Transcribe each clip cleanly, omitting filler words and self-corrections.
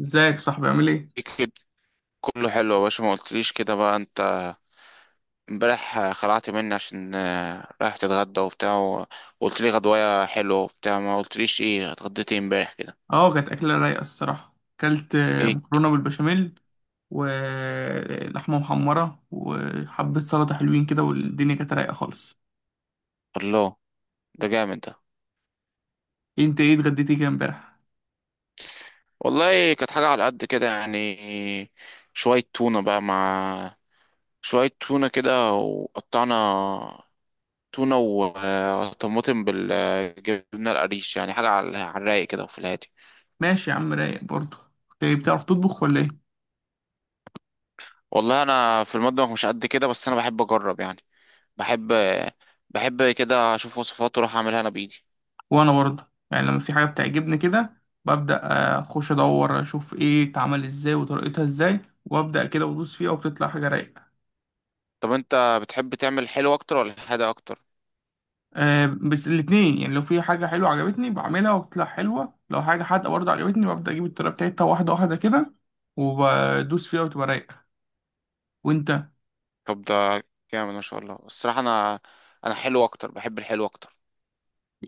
ازيك يا صاحبي، عامل ايه؟ كده كله حلو يا باشا، ما قلتليش كده بقى انت. امبارح خلعت مني عشان رايح تتغدى وبتاع وقلت لي غدوايه حلوه وبتاع، ما قلتليش ايه اتغديت ايه امبارح كده؟ اه، كانت أكلة رايقة الصراحة. أكلت ايه. مكرونة بالبشاميل ولحمة محمرة وحبة سلطة حلوين كده، والدنيا كانت رايقة خالص. الله. ده جامد ده. انت ايه اتغديتي كده امبارح؟ والله كانت حاجه على قد كده يعني، شويه تونه بقى مع شويه تونه كده وقطعنا، تونه وطماطم بالجبنه القريش، يعني حاجه على الرايق كده وفي الهادي. ماشي يا عم، رايق برضه. ايه، بتعرف تطبخ ولا ايه؟ والله انا في المطبخ مش قد كده، بس انا بحب اجرب يعني. بحب بحب كده اشوف وصفات واروح اعملها انا بايدي. وانا برضه يعني لما في حاجة بتعجبني كده ببدأ اخش ادور اشوف ايه اتعمل ازاي وطريقتها ازاي، وابدأ كده وادوس فيها وبتطلع حاجة رايقة. طب انت بتحب تعمل حلو اكتر ولا حادق اكتر؟ بس الاتنين يعني، لو في حاجة حلوة عجبتني بعملها وبتطلع حلوة، لو حاجة حادقة برضه عجبتني ببدأ أجيب الطريقة بتاعتها واحدة واحدة كده وبدوس فيها وتبقى رايقة. وأنت؟ طب ده جامد ما شاء الله الصراحه. انا حلو اكتر، بحب الحلو اكتر.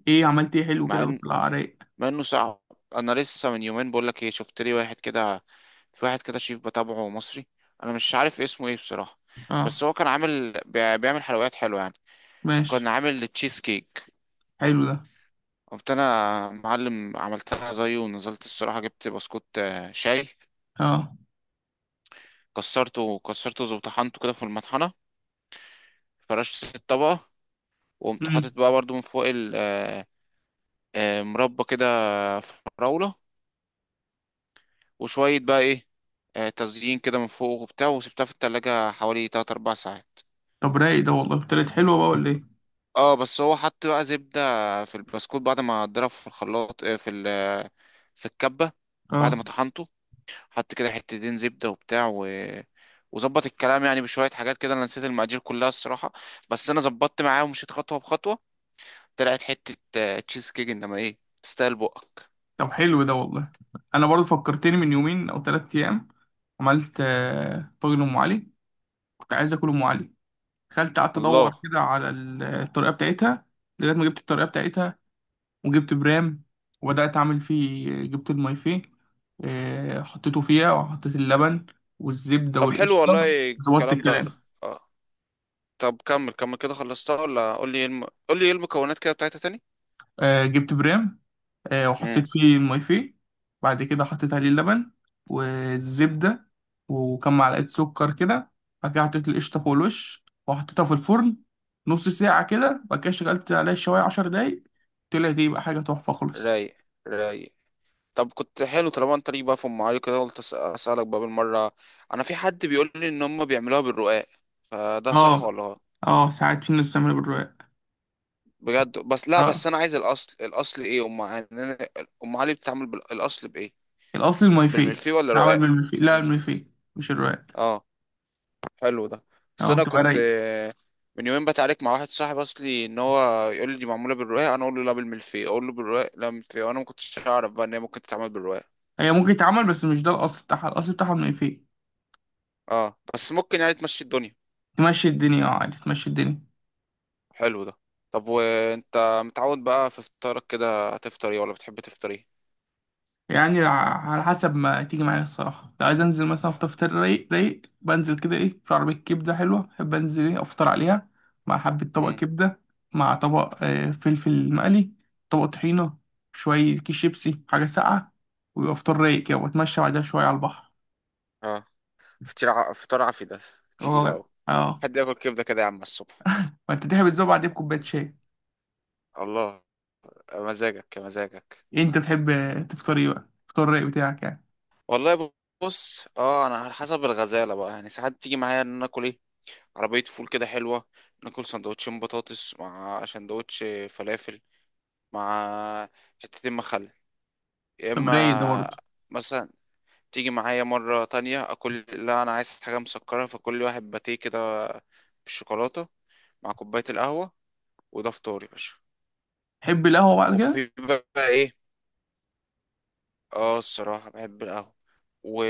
إيه عملت إيه حلو مع كده ان وطلع رايق؟ مع انه صعب. انا لسه من يومين بقول لك ايه، شفت لي واحد كده، في واحد كده شيف بتابعه مصري، انا مش عارف اسمه ايه بصراحه. أه. بس هو كان بيعمل حلويات حلوه يعني. ماشي. كان عامل تشيز كيك. حلو ده. قمت انا معلم عملتها زيه ونزلت الصراحه، جبت بسكوت شاي. أه. كسرته وطحنته كده في المطحنة. فرشت الطبقة. وقمت مم. حاطط بقى برضو من فوق مربى كده، فراولة، وشوية بقى ايه، تزيين كده من فوق وبتاع، وسبتها في التلاجة حوالي 3 4 ساعات. طب رايق ده، والله طلعت حلوة بقى ولا إيه؟ اه، بس هو حط بقى زبدة في البسكوت بعد ما ضرب في الخلاط، آه، في ال آه، في الكبة. بعد أه. ما طحنته حط كده حتتين زبدة وبتاع وظبط الكلام يعني بشوية حاجات كده، انا نسيت المقادير كلها الصراحة، بس انا ظبطت معاه ومشيت خطوة بخطوة. طلعت حتة تشيز كيك انما ايه، تستاهل بقك. طب حلو ده والله. أنا برضه فكرتني من يومين أو 3 أيام عملت طاجن أم علي. كنت عايز آكل أم علي، دخلت قعدت الله. أدور كده على الطريقة بتاعتها لغاية ما جبت الطريقة بتاعتها، وجبت برام وبدأت أعمل فيه. جبت المايفيه، حطيته فيها وحطيت اللبن والزبدة طب حلو والقشطة. والله ظبطت الكلام ده. الكلام. آه. طب كمل كمل كده، خلصتها ولا قول لي إيه قول لي ايه المكونات كده بتاعتها تاني؟ جبت برام، وحطيت امم فيه المايفيه. بعد كده حطيت عليه اللبن والزبدة وكم معلقة سكر كده. بعد كده حطيت القشطة فوق الوش وحطيتها في الفرن نص ساعة كده. بعد كده شغلت عليها الشواية 10 دقايق. طلعت ايه بقى، حاجة تحفة خالص. رايق رايق. طب كنت حلو طالما انت ليك بقى في ام علي كده، قلت اسالك بقى بالمره. انا في حد بيقول لي ان هم بيعملوها بالرقاق، فده صح اه. ولا غلط؟ اه، ساعات في الناس بتعملها بالرواق. بجد؟ بس لا، بس اه، انا عايز الاصل، الاصل ايه ام علي؟ ام علي بتتعمل بالاصل بايه؟ الأصل الملوخية. بالملفيه ولا عمل رقاق؟ من الملوخية، لا ملف... الملوخية مش الرقاق. اه. حلو ده. بس اه انا بتبقى كنت رايقة. من يومين بتعارك مع واحد صاحبي اصلي، ان هو يقول لي دي معموله بالرقاق، انا اقول له لا بالملفيه، اقول له بالرقاق لا بالملفيه، وانا ما كنتش اعرف بقى ان هي ممكن تتعمل بالرقاق. هي ممكن تتعمل بس مش ده الأصل بتاعها، الأصل بتاعها الملوخية. اه بس ممكن يعني تمشي الدنيا. تمشي الدنيا، اه عادي تمشي الدنيا. حلو ده. طب وانت متعود بقى في فطارك كده، هتفطر ايه ولا بتحب تفطر ايه؟ يعني على حسب ما تيجي معايا الصراحة. لو عايز أنزل مثلا أفطر فطار رايق رايق، بنزل كده إيه في عربية كبدة حلوة، بحب أنزل إيه أفطر عليها مع حبة طبق امم كبدة، مع طبق فلفل مقلي، طبق طحينة، شوية كيس شيبسي، حاجة ساقعة، ويبقى فطار رايق كده وأتمشى بعدها شوية على البحر. اه. فطار عافي ده، تقيل اه اوي. اه. حد ياكل كبده كده يا عم على الصبح! وأنت تحب الزوبعة دي بكوباية شاي. الله. مزاجك مزاجك. إيه انت بتحب تفطر ايه بقى، الفطار الرايق بتاعك يعني؟ والله. بص اه انا على حسب الغزاله بقى يعني، ساعات تيجي معايا ان انا اكل ايه، عربية فول كده حلوة، ناكل سندوتشين بطاطس مع سندوتش فلافل مع حتتين مخلل، يا طب رايق ده إما برضه. مثلا تيجي معايا مرة تانية أكل، لا أنا عايز حاجة مسكرة، فكل واحد باتيه كده بالشوكولاتة مع كوباية القهوة. وده فطاري يا باشا. تحب القهوه بقى على كده. وفي بقى، إيه، اه الصراحة بحب القهوة. و...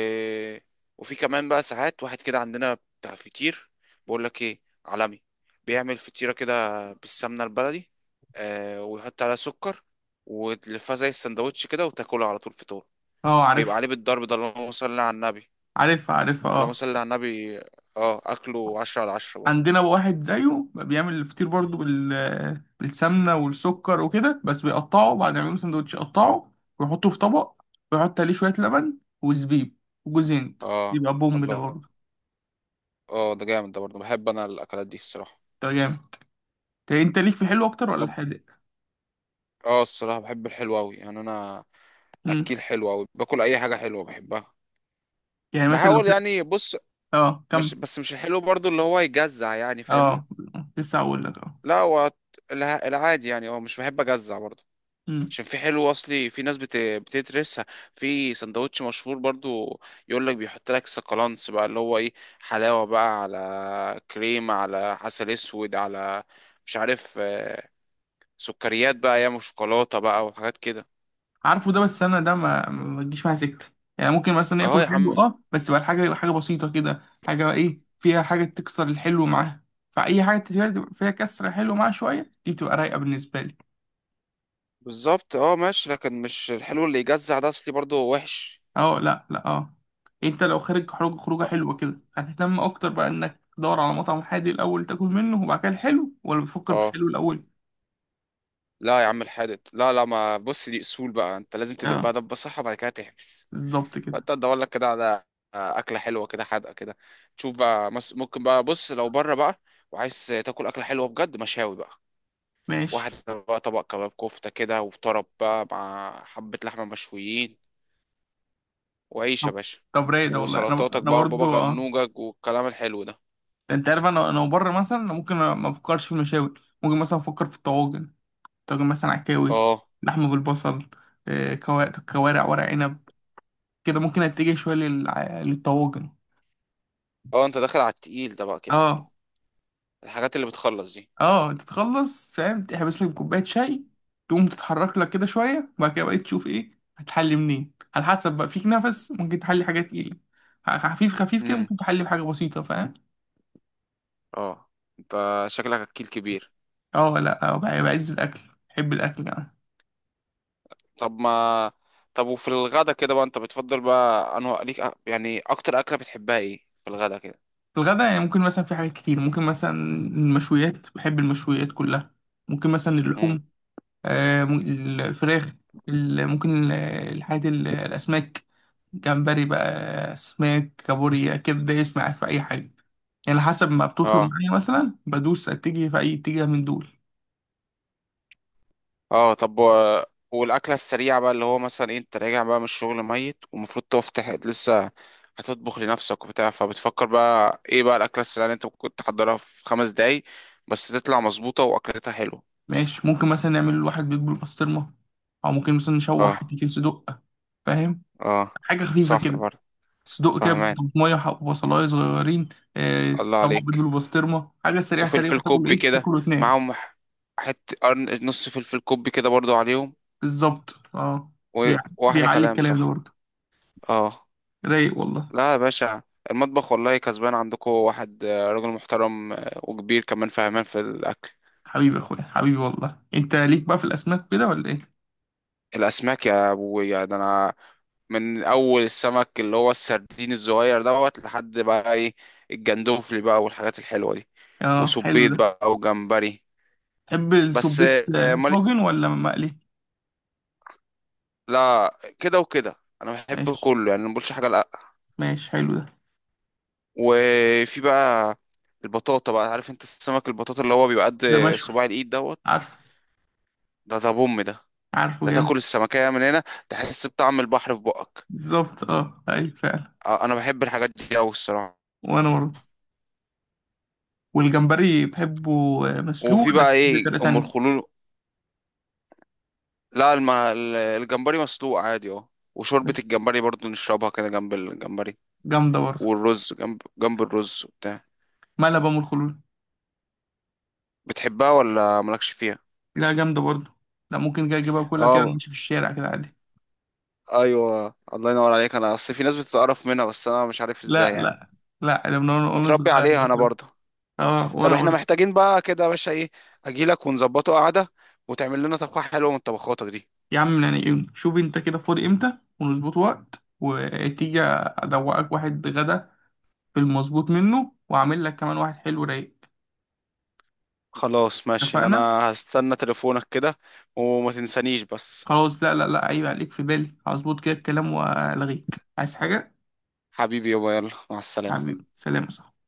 وفي كمان بقى ساعات واحد كده عندنا بتاع فطير، بقول لك ايه عالمي، بيعمل فطيرة كده بالسمنة البلدي، آه، ويحط عليها سكر، وتلفها زي السندوتش كده وتاكلها على طول فطور. اه. بيبقى عارفها عليه بالضرب ده، اللهم صل على النبي. عارفها عارفها، اللهم اه. صل على النبي. اه اكله عشرة على عشرة برضه. عندنا بقى واحد زيه بقى بيعمل الفطير برضه بالسمنه والسكر وكده، بس بيقطعه بعد ما يعملوا سندوتش، يقطعه ويحطه في طبق، ويحط عليه شويه لبن وزبيب وجوز هند. اه. يبقى بوم ده الله. برضه. اه ده جامد ده برضه، بحب انا الاكلات دي الصراحة. ده جامد. طب انت ليك في الحلو اكتر ولا طب. الحادق؟ اه الصراحة بحب الحلو أوي يعني أنا، امم. أكيل حلو أوي، باكل أي حاجة حلوة بحبها. يعني مثلا لو بحاول يعني بص، اه، كم مش الحلو برضو اللي هو يجزع يعني، فاهمني؟ اه، لسه هقول لك اه. لا هو العادي يعني، هو مش بحب أجزع برضو. عشان في حلو أصلي، في ناس بتدرسها. في سندوتش مشهور برضو، يقول لك بيحط لك سكالانس بقى اللي هو إيه، حلاوة بقى على كريم على عسل أسود على مش عارف سكريات بقى، ياما شوكولاتة بقى وحاجات كده. عارفه ده، بس انا ده ما بتجيش معايا سكه. يعني ممكن مثلا اه ياكل يا حلو عم. اه، بس تبقى الحاجه حاجه بسيطه كده، حاجه بقى ايه فيها حاجه تكسر الحلو معاها. فاي حاجه فيها كسر الحلو معاها شويه، دي بتبقى رايقه بالنسبه لي. بالظبط اه، ماشي، لكن مش الحلو اللي يجزع ده اصلي برضه وحش. اه لا لا اه. انت لو خارج خروجه ط- حلوه كده، هتهتم اكتر بقى انك تدور على مطعم حادي الاول تاكل منه، وبعد كده الحلو، ولا بتفكر في اه. الحلو الاول؟ لا يا عم الحادق، لا لا، ما بص دي اصول بقى، انت لازم تدبها اه. دبه صح وبعد كده تحبس. بالظبط كده. فانت ادور لك كده على اكله حلوه كده، حادقه كده، تشوف بقى ممكن بقى، بص لو بره بقى وعايز تاكل اكله حلوه بجد، مشاوي بقى، واحد ماشي. بقى طبق كباب كفته كده وطرب بقى مع حبه لحمه مشويين وعيش يا طب باشا، طب رايق ده والله. انا وسلطاتك انا بقى وبابا برضو اه. غنوجك والكلام الحلو ده. انت عارف انا بره مثلا انا ممكن ما افكرش في المشاوي. ممكن مثلا افكر في الطواجن، طاجن مثلا عكاوي، اه. لحمه بالبصل، كوارع، ورق عنب. كده ممكن اتجه شويه للطواجن. اه انت داخل على التقيل ده بقى كده، اه الحاجات اللي بتخلص دي. اه، تتخلص فاهم، تحبس لك كوبايه شاي، تقوم تتحرك لك كده شويه، وبعد كده بقى تشوف ايه هتحلي منين، على حسب بقى فيك نفس، ممكن تحلي حاجه تقيله. خفيف خفيف كده امم ممكن تحلي بحاجه بسيطه، فاهم. اه. انت شكلك اكيل كبير. اه لا، بعز الاكل بحب الاكل يعني. طب ما طب وفي الغدا كده بقى انت بتفضل بقى انه ليك يعني اكتر اكله بتحبها ايه في الغدا كده؟ الغدا يعني ممكن مثلا في حاجات كتير. ممكن مثلا المشويات، بحب المشويات كلها. ممكن مثلا امم اللحوم، آه، م- الفراخ، ممكن الحاجات، الأسماك، جمبري بقى، أسماك، كابوريا كده، دايس معاك في أي حاجة. يعني على حسب ما بتطلب اه. معايا مثلا بدوس أتجه في أي اتجاه من دول. اه. والاكله السريعه بقى اللي هو مثلا إيه، انت راجع بقى من الشغل ميت ومفروض تقف لسه هتطبخ لنفسك وبتاع، فبتفكر بقى ايه بقى الاكله السريعه اللي انت ممكن تحضرها في خمس دقايق بس تطلع مظبوطه واكلتها حلوه؟ ماشي، ممكن مثلا نعمل واحد بيت بالبسطرمة، أو ممكن مثلا نشوح اه. حتتين صدق، فاهم، اه. حاجة خفيفة صح كده، برضه. صدوق كده فهمان. بطماطمية وبصلاية صغيرين، الله طبق بيض عليك. بالبسطرمة، حاجة سريعة سريعة وفلفل تاكل كوبي إيه، كده تاكل وتنام. معاهم، حتة نص فلفل كوبي كده برضو عليهم. بالظبط اه. و... واحلى بيعلي كلام، الكلام ده صح. برضه. اه. رايق والله. لا يا باشا، المطبخ والله كسبان عندكم واحد راجل محترم وكبير كمان فهمان في الاكل. حبيبي يا أخويا، حبيبي والله. أنت ليك بقى في الأسماك كده ولا إيه؟ الاسماك يا ابويا ده انا من اول السمك اللي هو السردين الصغير دوت لحد بقى ايه، الجندوفلي بقى والحاجات الحلوه دي. اه، حلو وسبيط ده. بقى وجمبري. تحب بس السبيت مالي، طاجن ولا مقلي؟ لا كده وكده، انا بحب ماشي كله يعني ما بقولش حاجه. ماشي، حلو ده. وفي بقى البطاطا بقى، عارف انت السمك البطاطا اللي هو بيبقى قد ده مشوي. صباع الايد دوت، عارفه، ده بوم ده، عارفه ده تاكل جامد. السمكية من هنا تحس بطعم البحر في بقك. بالظبط اه، أيوة فعلا. انا بحب الحاجات دي قوي الصراحة. وأنا برضه. والجمبري بتحبه مسلوق وفي ولا بقى بتحبه ايه بطريقة ام تانية؟ الخلول. لا الجمبري مسلوق عادي، اه. وشوربة بس، الجمبري برضو نشربها كده جنب الجمبري، جامدة برضه. والرز جنب الرز وبتاع. ملبن والخلول، بتحبها ولا مالكش فيها؟ لا جامدة برضه. لا ممكن كده اجيبها كلها كده اه نمشي في الشارع كده عادي. ايوه، الله ينور عليك، انا اصل في ناس بتتقرف منها بس انا مش عارف لا ازاي يعني. لا لا، ده من وأنا متربي صغير عليها انا باكلها. برضه. اه طب وانا احنا برضه. محتاجين بقى كده يا باشا ايه، اجيلك ونظبطه قعدة وتعمل لنا طبخة حلوة من طبخاتك دي. يا عم يعني إيه، شوف انت كده فاضي امتى ونظبط وقت، وتيجي ادوقك واحد غدا في المظبوط منه، واعمل لك كمان واحد حلو رايق. خلاص ماشي انا اتفقنا. هستنى تليفونك كده، وما تنسانيش بس. خلاص لا لا لا، عيب عليك، في بالي. هظبط كده الكلام، والغيك عايز حاجة. حبيبي يابا، يلا مع السلامة. حبيبي سلام يا صاحبي.